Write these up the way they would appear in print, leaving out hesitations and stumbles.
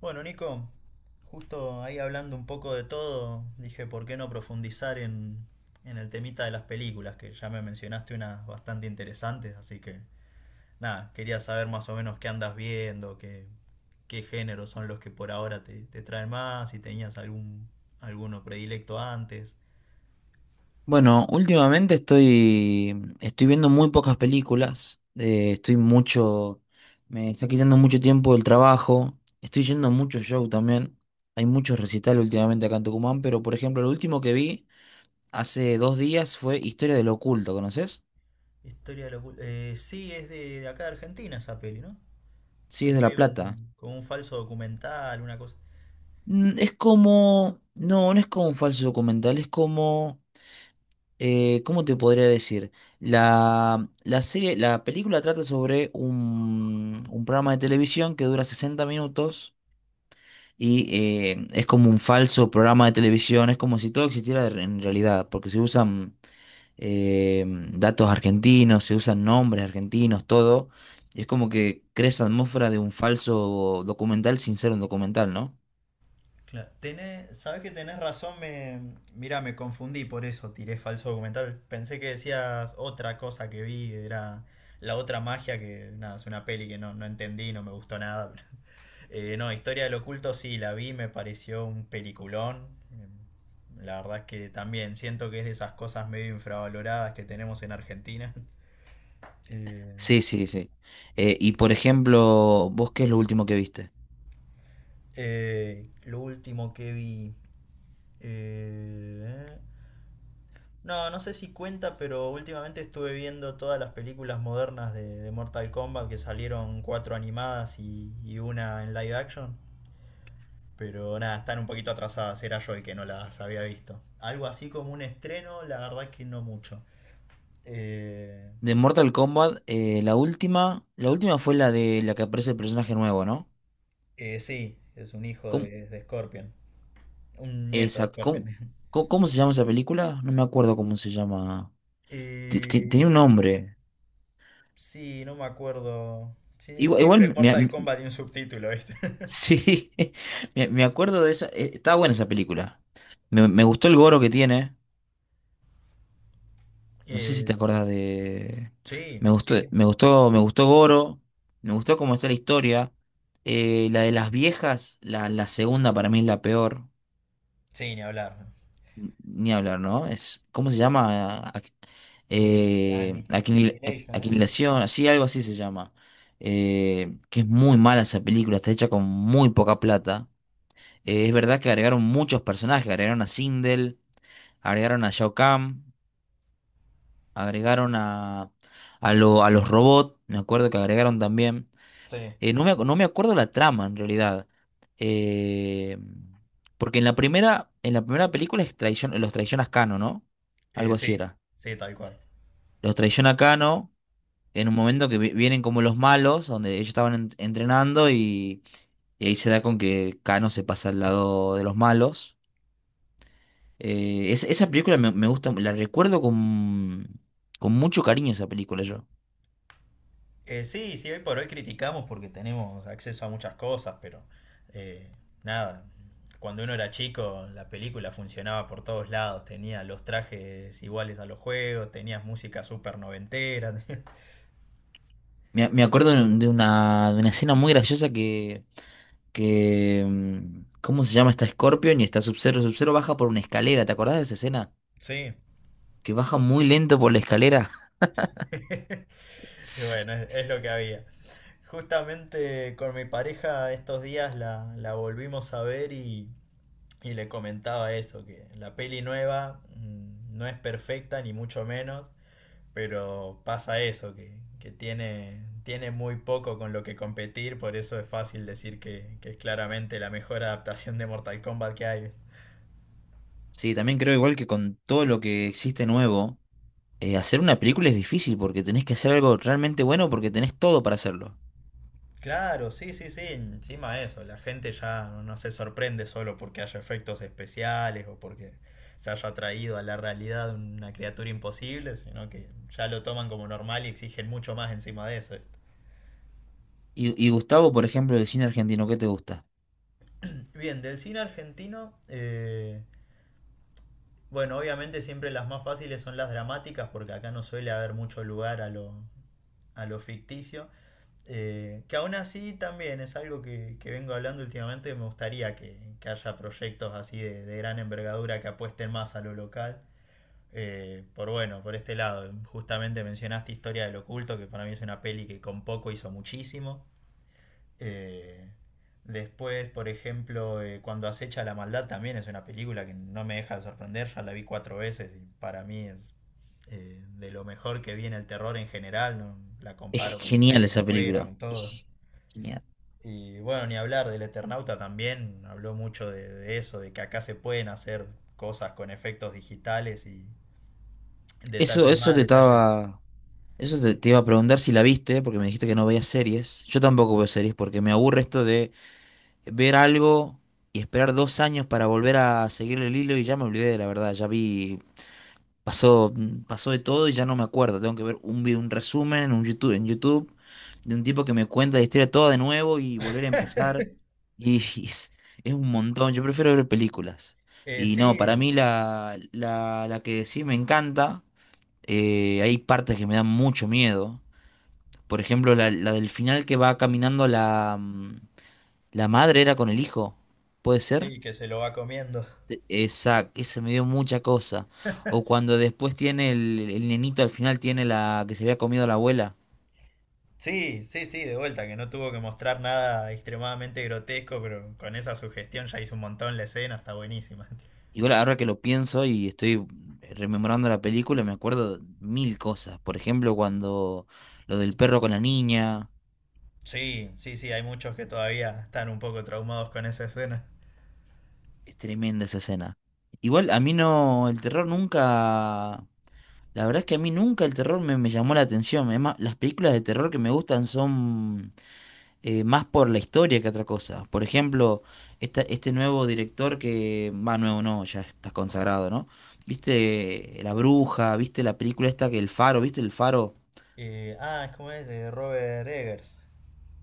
Bueno, Nico, justo ahí hablando un poco de todo, dije, ¿por qué no profundizar en el temita de las películas? Que ya me mencionaste unas bastante interesantes, así que nada, quería saber más o menos qué andas viendo, qué géneros son los que por ahora te traen más, si tenías algún alguno predilecto antes. Bueno, últimamente estoy viendo muy pocas películas, estoy mucho, me está quitando mucho tiempo del trabajo, estoy yendo a muchos shows también, hay muchos recitales últimamente acá en Tucumán, pero por ejemplo, el último que vi hace 2 días fue Historia del Oculto, ¿conoces? Historia de la sí, es de acá de Argentina esa peli, ¿no? Sí, Que es es de La medio Plata. Como un falso documental, una cosa. Es como, no es como un falso documental, es como ¿cómo te podría decir? La serie, la película trata sobre un programa de televisión que dura 60 minutos y es como un falso programa de televisión, es como si todo existiera en realidad, porque se usan eh, datos argentinos, se usan nombres argentinos, todo. Y es como que crea esa atmósfera de un falso documental sin ser un documental, ¿no? Claro. Sabes que tenés razón, mira, me confundí, por eso tiré falso documental. Pensé que decías otra cosa que vi, que era la otra magia, que nada, es una peli que no entendí, no me gustó nada. No, Historia del Oculto sí, la vi, me pareció un peliculón. Eh, La verdad es que también siento que es de esas cosas medio infravaloradas que tenemos en Argentina. Eh, Sí, sí, sí. Y por ejemplo, ¿vos qué es lo último que viste? Lo último que vi... eh, No, no sé si cuenta, pero últimamente estuve viendo todas las películas modernas de Mortal Kombat que salieron cuatro animadas y una en live action. Pero nada, están un poquito atrasadas, era yo el que no las había visto. Algo así como un estreno, la verdad que no mucho. Eh, De Mortal Kombat, la última fue la de la que aparece el personaje nuevo, ¿no? Sí, es un hijo ¿Cómo, de Scorpion, un nieto esa, de Scorpion. cómo, cómo se llama esa película? No me acuerdo cómo se llama. Tenía Eh, un nombre. sí, no me acuerdo. Sí, Igual, igual, siempre es Mortal Kombat y un subtítulo, ¿viste? sí, me acuerdo de esa. Estaba buena esa película. Me gustó el Goro que tiene. No sé si te Eh, acordás de. sí, Me gustó, sí, sí. me gustó, me gustó Goro. Me gustó cómo está la historia. La de las viejas, la segunda para mí es la peor. Sí, ni hablar. Ni hablar, ¿no? Es, ¿cómo se llama? Annihilation, ¿eh? Aquinilación, así, algo así se llama. Que es muy mala esa película, está hecha con muy poca plata. Es verdad que agregaron muchos personajes, agregaron a Sindel, agregaron a Shao Kahn, agregaron a, a los robots, me acuerdo que agregaron también. Sí, No me acuerdo la trama en realidad. Eh, Porque en la primera película es los traiciona Cano, ¿no? Algo así sí, era. sí, tal cual. Los traiciona Cano en un momento que vienen como los malos, donde ellos estaban entrenando y ahí se da con que Cano se pasa al lado de los malos. Esa película me gusta, la recuerdo con mucho cariño esa película yo. Sí, sí, hoy por hoy criticamos porque tenemos acceso a muchas cosas, pero eh, nada, cuando uno era chico la película funcionaba por todos lados, tenía los trajes iguales a los juegos, tenías música súper noventera. Me acuerdo de una escena muy graciosa ¿cómo se llama? Está Scorpion y está Sub-Zero. Sub-Zero baja por una escalera, ¿te acordás de esa escena? Sí. Que baja muy lento por la escalera. Y bueno, es lo que había. Justamente con mi pareja estos días la volvimos a ver y le comentaba eso, que la peli nueva mm, no es perfecta ni mucho menos, pero pasa eso, que tiene muy poco con lo que competir, por eso es fácil decir que es claramente la mejor adaptación de Mortal Kombat que hay. Sí, también creo igual que con todo lo que existe nuevo, hacer una película es difícil porque tenés que hacer algo realmente bueno porque tenés todo para hacerlo. Claro, sí, sí, sí, encima eso, la gente ya no se sorprende solo porque haya efectos especiales o porque se haya traído a la realidad una criatura imposible, sino que ya lo toman como normal y exigen mucho más encima de eso. Y Gustavo, por ejemplo, de cine argentino, ¿qué te gusta? Bien, del cine argentino, bueno, obviamente siempre las más fáciles son las dramáticas porque acá no suele haber mucho lugar a a lo ficticio. Que aún así también es algo que vengo hablando últimamente, me gustaría que haya proyectos así de gran envergadura que apuesten más a lo local. Por este lado, justamente mencionaste Historia del Oculto, que para mí es una peli que con poco hizo muchísimo. Eh, después, por ejemplo, cuando acecha la maldad también es una película que no me deja de sorprender, ya la vi cuatro veces y para mí es de lo mejor que viene el terror en general, no la Es comparo con genial pelis de esa afuera, película. con todo. Es genial. Y bueno, ni hablar del Eternauta también, habló mucho de eso, de que acá se pueden hacer cosas con efectos digitales y Eso, detalles eso más, te detalles. estaba... Eso te iba a preguntar si la viste, porque me dijiste que no veías series. Yo tampoco veo series porque me aburre esto de ver algo y esperar 2 años para volver a seguirle el hilo y ya me olvidé, la verdad, ya vi, pasó, pasó, de todo y ya no me acuerdo, tengo que ver un video, un resumen en YouTube de un tipo que me cuenta la historia toda de nuevo y volver a empezar y es, es un montón, yo prefiero ver películas. Y no, para Sí, mí la que sí me encanta, hay partes que me dan mucho miedo. Por ejemplo, la del final que va caminando la madre era con el hijo, ¿puede ser? sí, que se lo va comiendo. Exacto, eso me dio mucha cosa. O cuando después tiene el nenito al final tiene la que se había comido la abuela. Sí, sí, sí, de vuelta, que no tuvo que mostrar nada extremadamente grotesco, pero con esa sugestión ya hizo un montón la escena, está buenísima. Igual ahora que lo pienso y estoy rememorando la película, me acuerdo mil cosas. Por ejemplo, cuando lo del perro con la niña, Sí, sí, sí, hay muchos que todavía están un poco traumados con esa escena. es tremenda esa escena. Igual a mí no, el terror nunca, la verdad es que a mí nunca el terror me llamó la atención. Es más, las películas de terror que me gustan son más por la historia que otra cosa. Por ejemplo, este nuevo director que, va nuevo no, ya está consagrado, ¿no? ¿Viste La Bruja? ¿Viste la película esta que El Faro? ¿Viste El Faro? Es como es de Robert Eggers.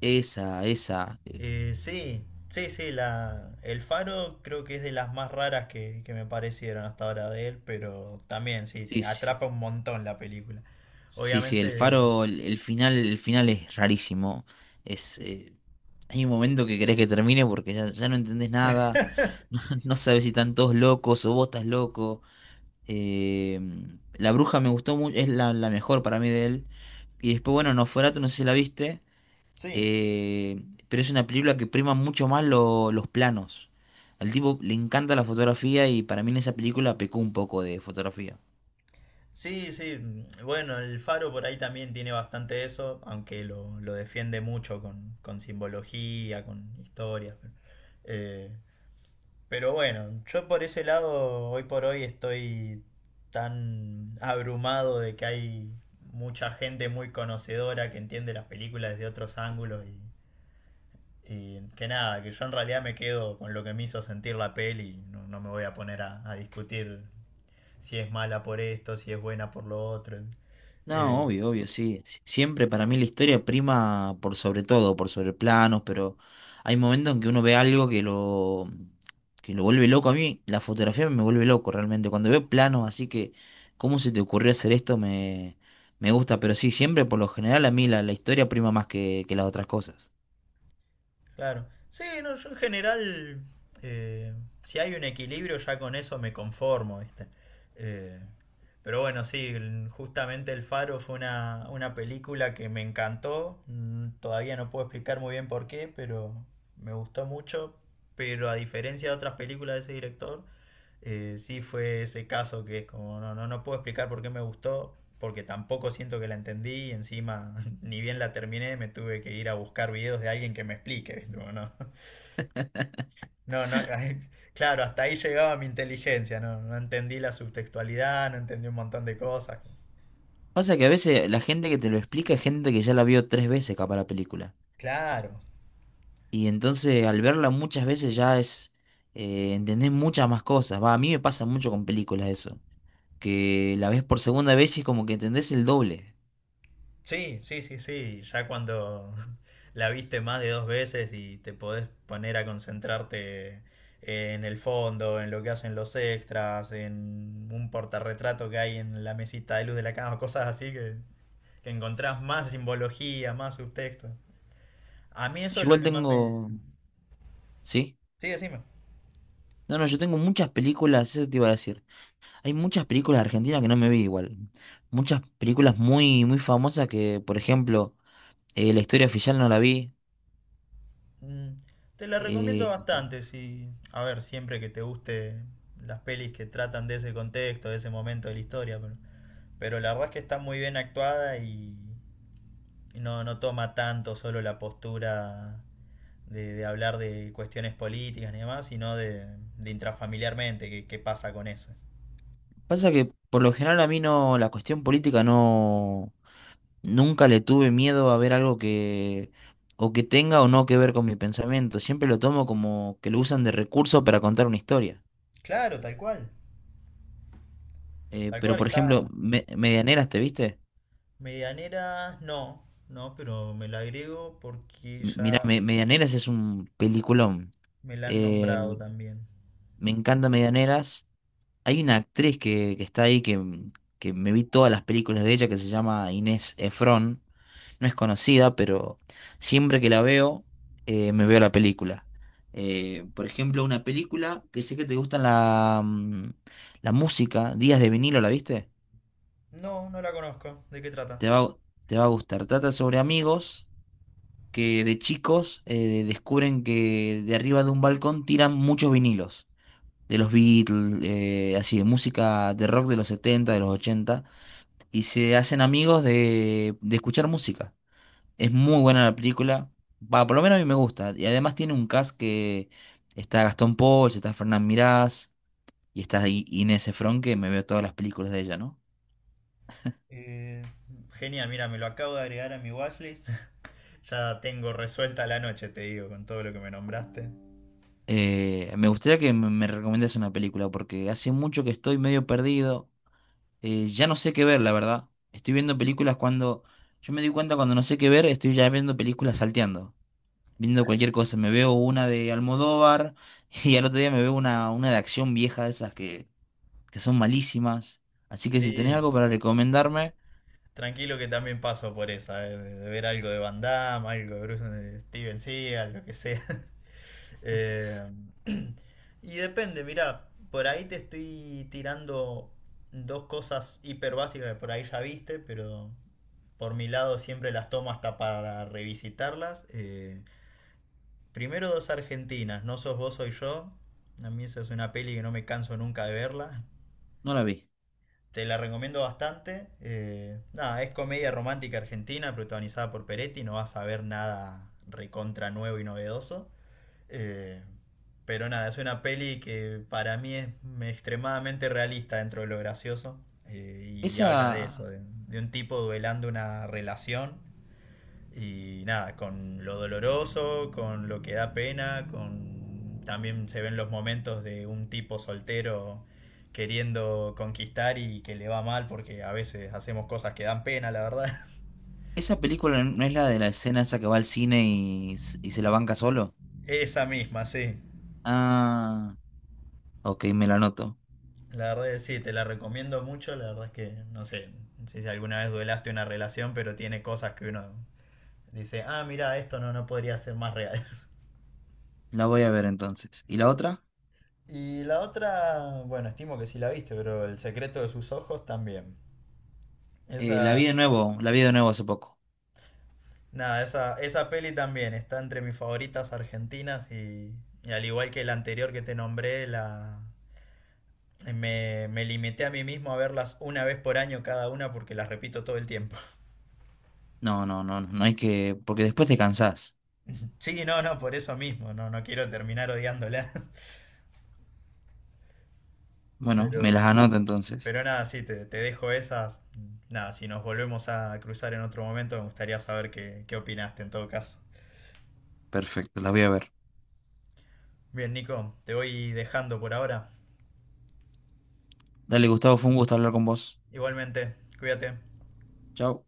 Esa, esa. Sí, sí, sí, el Faro creo que es de las más raras que me parecieron hasta ahora de él, pero también sí, te Sí, sí. atrapa un montón la película. Sí, sí, El Obviamente, Faro, el final, el final es rarísimo. Es, hay un momento que querés que termine porque ya, ya no entendés nada. No, no sabes si están todos locos o vos estás loco. Eh, La Bruja me gustó mucho, es la mejor para mí de él. Y después, bueno, Nosferatu, no sé si la viste, sí, eh, pero es una película que prima mucho más los planos. Al tipo le encanta la fotografía y para mí en esa película pecó un poco de fotografía. sí, sí, mm, bueno, el Faro por ahí también tiene bastante de eso, aunque lo defiende mucho con simbología, con historias. Eh, Pero bueno, yo por ese lado, hoy por hoy estoy tan abrumado de que hay mucha gente muy conocedora que entiende las películas desde otros ángulos y que nada, que yo en realidad me quedo con lo que me hizo sentir la peli, no me voy a poner a discutir si es mala por esto, si es buena por lo otro. No, Eh, obvio, obvio, sí. Siempre para mí la historia prima por sobre todo, por sobre planos, pero hay momentos en que uno ve algo que lo, vuelve loco. A mí la fotografía me vuelve loco realmente. Cuando veo planos, así que, ¿cómo se te ocurrió hacer esto? Me gusta, pero sí, siempre por lo general a mí la historia prima más que las otras cosas. Claro. Sí, no, yo en general, eh, si hay un equilibrio, ya con eso me conformo, ¿viste? Eh, pero bueno, sí, justamente El Faro fue una película que me encantó. Mm, todavía no puedo explicar muy bien por qué, pero me gustó mucho. Pero a diferencia de otras películas de ese director, sí fue ese caso que es como, no puedo explicar por qué me gustó, porque tampoco siento que la entendí y encima ni bien la terminé me tuve que ir a buscar videos de alguien que me explique, ¿viste? Como, no, no, no, claro, hasta ahí llegaba mi inteligencia, no entendí la subtextualidad, no entendí un montón de cosas. Pasa que a veces la gente que te lo explica es gente que ya la vio 3 veces capaz la película. Claro, Y entonces al verla muchas veces ya es, entendés muchas más cosas. Va, a mí me pasa mucho con películas eso, que la ves por segunda vez y es como que entendés el doble. sí, sí, sí, sí. Ya cuando la viste más de dos veces y te podés poner a concentrarte en el fondo, en lo que hacen los extras, en un portarretrato que hay en la mesita de luz de la cama, cosas así que encontrás más simbología, más subtexto. A mí eso Yo es lo igual que más me... tengo, ¿sí? Sí, decime. No, no, yo tengo muchas películas, eso te iba a decir. Hay muchas películas argentinas que no me vi igual. Muchas películas muy, muy famosas que, por ejemplo, La historia oficial no la vi. Mm, te la recomiendo Eh, bastante, sí. A ver, siempre que te guste las pelis que tratan de ese contexto, de ese momento de la historia, pero... Pero la verdad es que está muy bien actuada y no toma tanto solo la postura de hablar de cuestiones políticas y demás, sino de intrafamiliarmente, qué qué pasa con eso. Pasa que por lo general a mí no, la cuestión política no. Nunca le tuve miedo a ver algo que o que tenga o no que ver con mi pensamiento. Siempre lo tomo como que lo usan de recurso para contar una historia. Claro, tal cual. Tal Pero cual, por ejemplo, está. Medianeras, ¿te viste? Medianera, no, no, pero me la agrego porque Mirá, ya Medianeras es un peliculón. me la han Eh, nombrado también. Me encanta Medianeras. Hay una actriz que, está ahí que me vi todas las películas de ella que se llama Inés Efron. No es conocida, pero siempre que la veo, me veo la película. Por ejemplo, una película que sé que te gustan la música, Días de vinilo, ¿la viste? No, no la conozco. ¿De qué trata? Te va, a- te va a gustar. Trata sobre amigos que de chicos descubren que de arriba de un balcón tiran muchos vinilos. De los Beatles, así de música de rock de los 70 de los 80 y se hacen amigos de escuchar música. Es muy buena la película. Va, por lo menos a mí me gusta. Y además tiene un cast que está Gastón Pauls, está Fernán Mirás y está Inés Efron, que me veo todas las películas de ella, ¿no? Eh, genial, mira, me lo acabo de agregar a mi watchlist. Ya tengo resuelta la noche, te digo, con todo lo que me nombraste. Me gustaría que me recomiendas una película porque hace mucho que estoy medio perdido. Ya no sé qué ver, la verdad. Estoy viendo películas cuando... Yo me di cuenta cuando no sé qué ver, estoy ya viendo películas salteando, viendo cualquier cosa. Me veo una de Almodóvar y al otro día me veo una de acción vieja de esas que son malísimas. Así que si tenés Sí, algo para recomendarme, tranquilo que también paso por esa, de ver algo de Van Damme, algo de Bruce, de Steven Seagal, lo que sea. Eh, y depende, mira, por ahí te estoy tirando dos cosas hiper básicas que por ahí ya viste, pero por mi lado siempre las tomo hasta para revisitarlas. Primero dos argentinas, No sos vos, soy yo. A mí esa es una peli que no me canso nunca de verla. no la vi. Te la recomiendo bastante. Nada, es comedia romántica argentina protagonizada por Peretti. No vas a ver nada recontra nuevo y novedoso. Eh, pero nada, es una peli que para mí es extremadamente realista dentro de lo gracioso. Y habla de Esa, eso, de un tipo duelando una relación y nada, con lo doloroso, con lo que da pena, con también se ven los momentos de un tipo soltero queriendo conquistar y que le va mal porque a veces hacemos cosas que dan pena, la verdad. esa película no es la de la escena esa que va al cine y se la banca solo. Esa misma, sí. Ah, ok, me la anoto. La verdad es que sí, te la recomiendo mucho, la verdad es que no sé, no sé si alguna vez duelaste una relación, pero tiene cosas que uno dice, ah, mira, esto no, no podría ser más real. La voy a ver entonces. ¿Y la otra? Y la otra, bueno, estimo que sí la viste, pero El secreto de sus ojos también. La Esa... vi de nuevo, la vi de nuevo hace poco. Nada, esa peli también está entre mis favoritas argentinas y al igual que la anterior que te nombré, me limité a mí mismo a verlas una vez por año cada una porque las repito todo el tiempo. No, no, no, no hay que, porque después te cansás. Sí, no, no, por eso mismo, no quiero terminar odiándola. Bueno, me las Pero, anoto entonces. pero nada, sí, te dejo esas. Nada, si nos volvemos a cruzar en otro momento, me gustaría saber qué opinaste en todo caso. Perfecto, las voy a ver. Bien, Nico, te voy dejando por ahora. Dale, Gustavo, fue un gusto hablar con vos. Igualmente, cuídate. Chao.